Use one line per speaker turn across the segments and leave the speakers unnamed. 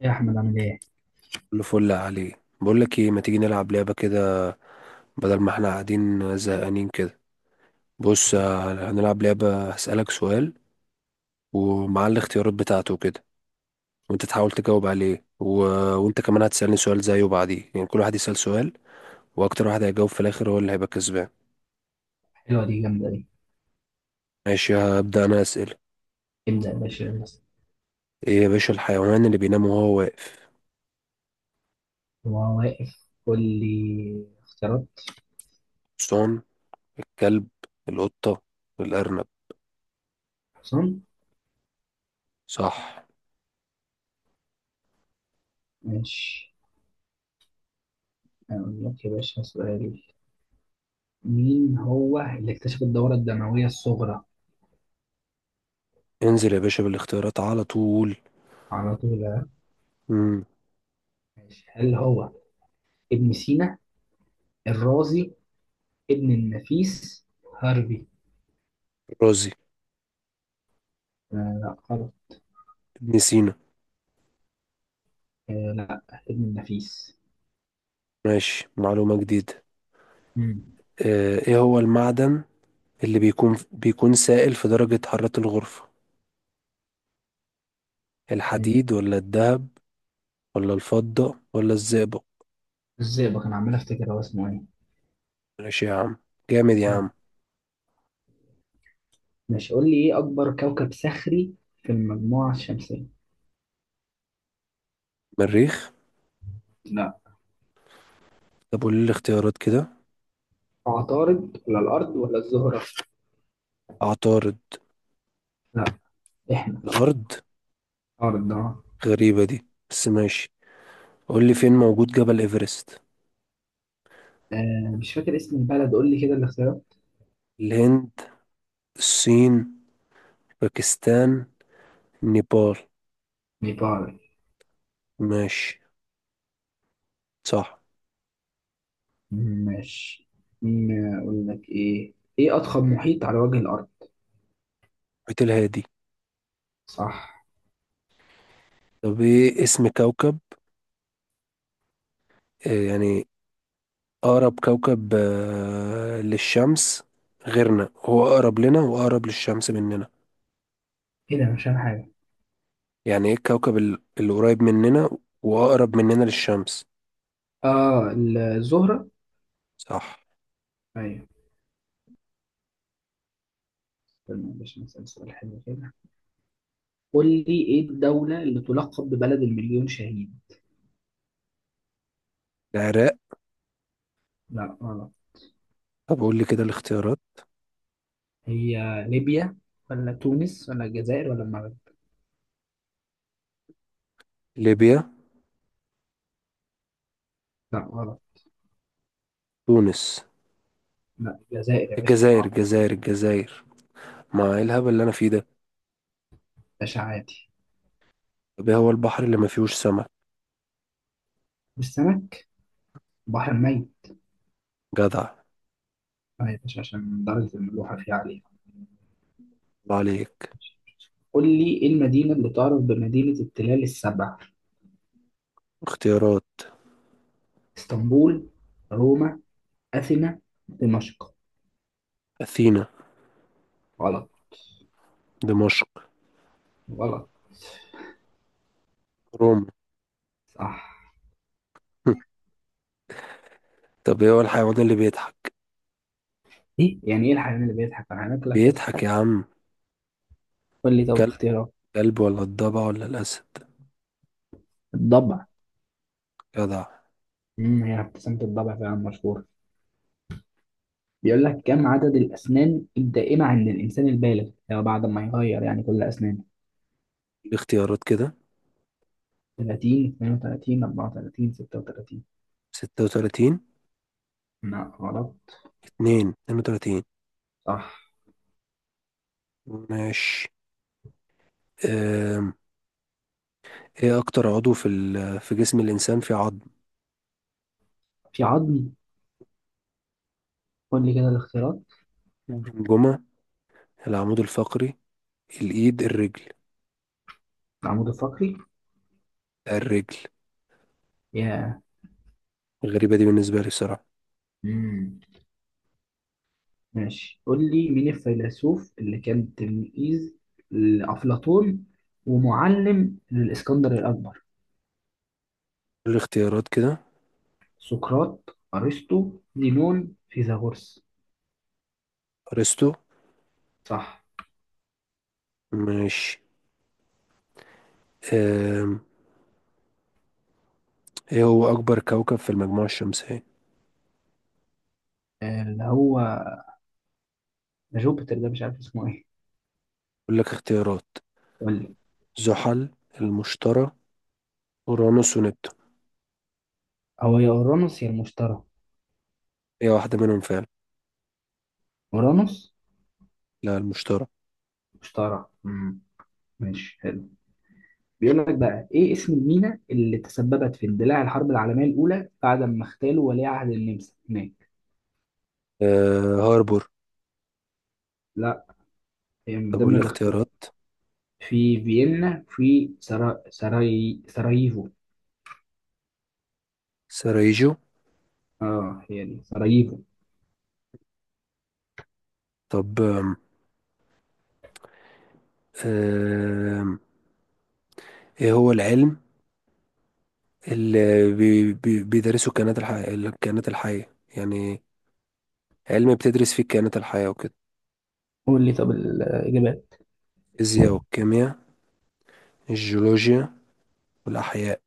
يا احمد، عامل ايه؟
كله فل عليه. بقول لك ايه، ما تيجي نلعب لعبه كده، بدل ما احنا قاعدين زهقانين كده؟ بص،
فكرة.
هنلعب لعبه، هسألك سؤال، ومع الاختيارات بتاعته كده، وانت تحاول تجاوب عليه. وانت كمان هتسألني سؤال زيه بعديه، يعني كل واحد يسأل سؤال، واكتر واحد هيجاوب في الاخر هو اللي هيبقى كسبان.
حلوه دي، جامده دي.
ماشي، هبدأ انا أسئلة.
ابدا يا باشا، يلا.
ايه يا باشا الحيوان اللي بينام وهو واقف؟
وانا واقف، قول لي اختيارات.
الحصان، الكلب، القطه، الارنب.
حسام.
صح.
ماشي. اقول لك يا باشا سؤال. مين هو اللي اكتشف الدوره الدمويه الصغرى؟
انزل يا باشا بالاختيارات على طول.
على طول، ها؟
امم.
ماشي، هل هو ابن سينا، الرازي، ابن النفيس، هارفي؟
رازي.
آه. لا غلط.
ابن سينا.
آه، لا. ابن النفيس.
ماشي، معلومة جديدة.
امم.
ايه هو المعدن اللي بيكون سائل في درجة حرارة الغرفة،
آه،
الحديد ولا الذهب ولا الفضة ولا الزئبق؟
الزئبق، انا عمال افتكر هو اسمه ايه.
ماشي يا عم، جامد يا
مم.
عم.
ماشي، قول لي ايه اكبر كوكب صخري في المجموعه الشمسيه؟
مريخ.
لا.
طب قول لي الاختيارات كده.
عطارد ولا الأرض ولا الزهرة؟
عطارد.
لا. إحنا.
الأرض.
عطارد ده.
غريبة دي، بس ماشي. قول لي فين موجود جبل إيفرست؟
آه، مش فاكر اسم البلد، قول لي كده الاختيارات.
الهند، الصين، باكستان، نيبال.
نيبال.
ماشي، صح.
ماشي. أقول لك إيه، إيه أضخم محيط على وجه الأرض؟
محيط الهادي.
صح.
طب ايه اسم كوكب، يعني أقرب كوكب للشمس غيرنا، هو أقرب لنا وأقرب للشمس مننا؟
إيه ده؟ مش فاهم حاجة.
يعني إيه الكوكب اللي قريب مننا وأقرب مننا للشمس.
آه، الزهرة.
صح.
أيوه. استنى باش نسأل سؤال حلو كده. قول لي إيه الدولة اللي تلقب ببلد المليون شهيد؟
العراق.
لا غلط.
طب قول لي كده الاختيارات.
هي ليبيا ولا تونس ولا الجزائر ولا المغرب؟
ليبيا.
لا غلط.
تونس.
لا، الجزائر يا باشا، دي
الجزائر
معروفة.
الجزائر الجزائر! مع إيه الهبل اللي أنا فيه ده!
باشا عادي.
طب إيه هو البحر اللي ما فيهوش سمك؟
والسمك، بحر ميت.
جدع.
آه يا باشا، عشان درجة الملوحة فيها عالية.
الله عليك.
قول لي إيه المدينة اللي تعرف بمدينة التلال السبع؟
اختيارات.
اسطنبول، روما، أثينا، دمشق.
أثينا.
غلط.
دمشق.
غلط.
روما.
صح.
طب إيه هو الحيوان اللي بيضحك؟
إيه يعني إيه الحيوان اللي بيضحك؟ الحيوانات كلها بتضحك.
بيضحك يا عم.
قول لي طب
كلب.
اختيارات.
كلب ولا الضبع ولا الأسد؟
الضبع.
جدع.
امم، هي ابتسامة الضبع فعلا مشهورة. بيقول لك كم عدد الأسنان الدائمة عند الإنسان البالغ، يعني بعد ما يغير يعني كل أسنانه؟
الاختيارات كده.
30، 32، 34، 36.
36.
لا غلط.
اتنين وتلاتين.
صح.
ماشي. أم. ايه اكتر عضو في في جسم الانسان في عظم؟
في عظم. قول لي كده الاختيارات.
الجمجمة. العمود الفقري. الايد، الرجل.
العمود الفقري.
الرجل.
يا.
غريبة دي بالنسبة لي بصراحة.
امم. ماشي، قول لي مين الفيلسوف اللي كان تلميذ لأفلاطون ومعلم للإسكندر الأكبر؟
الاختيارات كده.
سقراط، أرسطو، زينون، فيثاغورس.
ارسطو.
صح.
ماشي. أم. ايه هو اكبر كوكب في المجموعة الشمسية؟
اللي هو جوبيتر، ده مش عارف اسمه ايه.
اقول لك اختيارات.
قول لي.
زحل. المشتري. اورانوس ونبتون.
هو يا أورانوس يا المشتري.
ايه واحدة منهم فعلا.
أورانوس.
لا، المشتري.
مشتري. امم. ماشي، حلو. بيقول لك بقى ايه اسم المينا اللي تسببت في اندلاع الحرب العالمية الأولى بعد ما اغتالوا ولي عهد النمسا هناك؟
أه، هاربور.
هي من
طب
ضمن
والاختيارات.
الاختيارات. في فيينا، في سراييفو.
سرايجو.
اه، هي دي سراييفو.
طب آم، آم، ايه هو العلم اللي بي بي بيدرسه الكائنات الحية يعني، علم بتدرس فيه الكائنات الحية وكده؟
قول لي طب الإجابات.
الفيزياء والكيمياء. الجيولوجيا. والأحياء.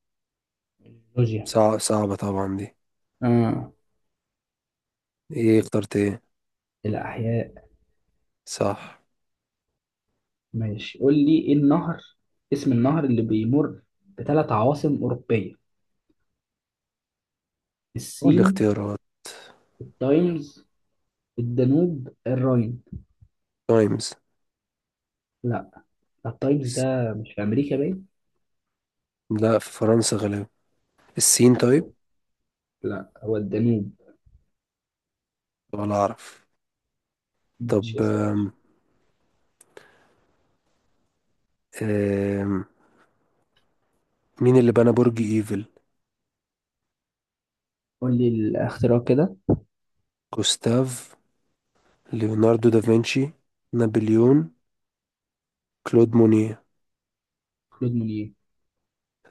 جورجيا.
صعبة طبعا دي.
اه.
ايه اخترت ايه؟
الأحياء.
صح.
ماشي، قول لي ايه النهر، اسم النهر اللي بيمر بثلاث عواصم أوروبية؟
قول لي
السين،
اختيارات.
التايمز، الدانوب، الراين.
تايمز.
لا. التايمز ده مش في أمريكا باين؟
لا، في فرنسا غالبا. الصين طيب.
لا، هو الدانوب.
ولا أعرف.
ماشي
طب
يا
آم،
سيدي.
آم، مين اللي بنى برج ايفل؟
قول لي الاختراع كده.
جوستاف. ليوناردو دافنشي. نابليون. كلود مونيه.
كلود مونيه.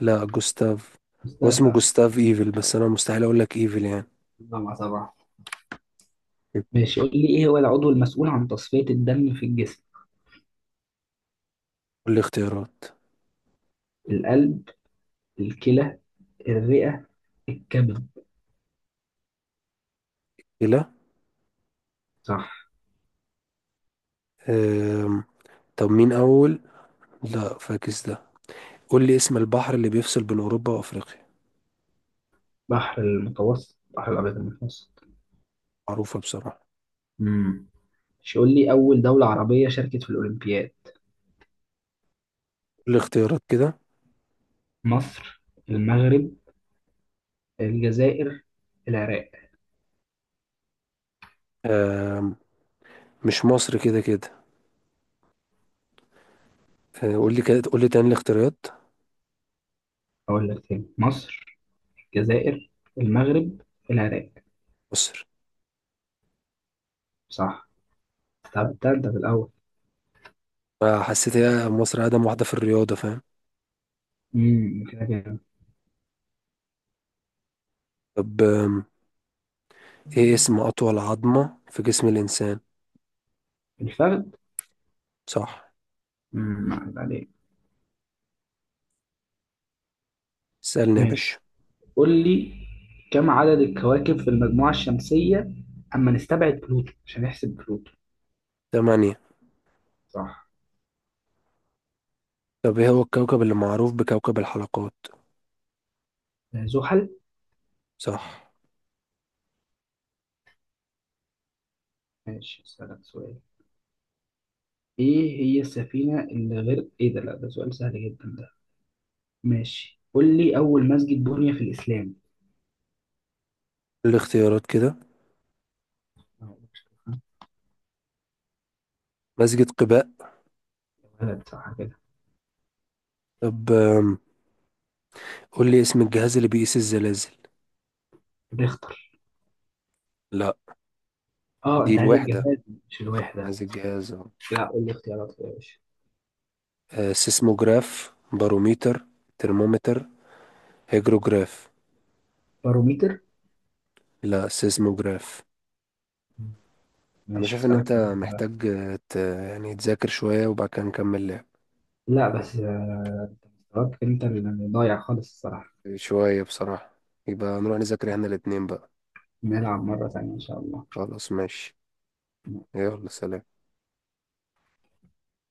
لا، جوستاف. هو اسمه
مستعفى.
جوستاف ايفل، بس انا مستحيل اقول لك ايفل يعني.
الله، مع صباح. ماشي، قول لي ايه هو العضو المسؤول عن تصفية الدم في الجسم؟
قول لي اختيارات.
القلب، الكلى، الرئة، الكبد.
لا.
صح.
أم... طب مين اول. لا، فاكس ده. قول لي اسم البحر اللي بيفصل بين اوروبا وافريقيا.
بحر المتوسط، بحر الأبيض المتوسط.
معروفه بصراحه.
امم. ماشي، قول لي أول دولة عربية شاركت في الأولمبياد؟
قول لي اختيارات كده.
مصر، المغرب، الجزائر، العراق.
أم... مش مصر كده كده؟ قول لي كده، قول لي تاني الاختيارات.
أقول لك تاني: مصر، الجزائر، المغرب، العراق.
مصر.
صح. طب ده أنت في الأول.
أه، حسيت هي مصر اقدم واحده في الرياضه، فاهم؟
امم، كده كده.
طب ايه اسم اطول عظمه في جسم الانسان؟
الفخذ.
صح.
امم، عليك.
سألني يا
ماشي،
باشا.
قول لي كم عدد الكواكب في المجموعة الشمسية؟ أما نستبعد بلوتو، عشان نحسب بلوتو.
8.
صح.
طب ايه هو الكوكب اللي معروف بكوكب الحلقات؟
آه، زحل.
صح.
ماشي، أسألك سؤال. إيه هي السفينة اللي غير إيه ده؟ لا، ده سؤال سهل جدا ده. ماشي، قول لي أول مسجد بني في الإسلام؟
الاختيارات كده.
آه.
مسجد قباء.
ولد، صح كده.
طب قول لي اسم الجهاز اللي بيقيس الزلازل.
بيختار.
لا.
اه،
دي
انت عايز
الوحدة.
الجماد. مش
أنا
الوحدة.
عايز الجهاز أهو.
لا، قول لي اختيارات يا باشا.
سيسموجراف. باروميتر. ترمومتر. هيجروجراف.
باروميتر.
لا، سيسموجراف. انا
ماشي،
شايف ان
اسألك
انت
كده.
محتاج يعني تذاكر شوية وبعد كده نكمل لعب.
لا بس مستواك انت اللي ضايع خالص، الصراحة.
شوية بصراحة. يبقى نروح نذاكر احنا الاتنين بقى.
نلعب مرة تانية ان شاء الله.
خلاص، ماشي. يلا،
ماشي.
سلام.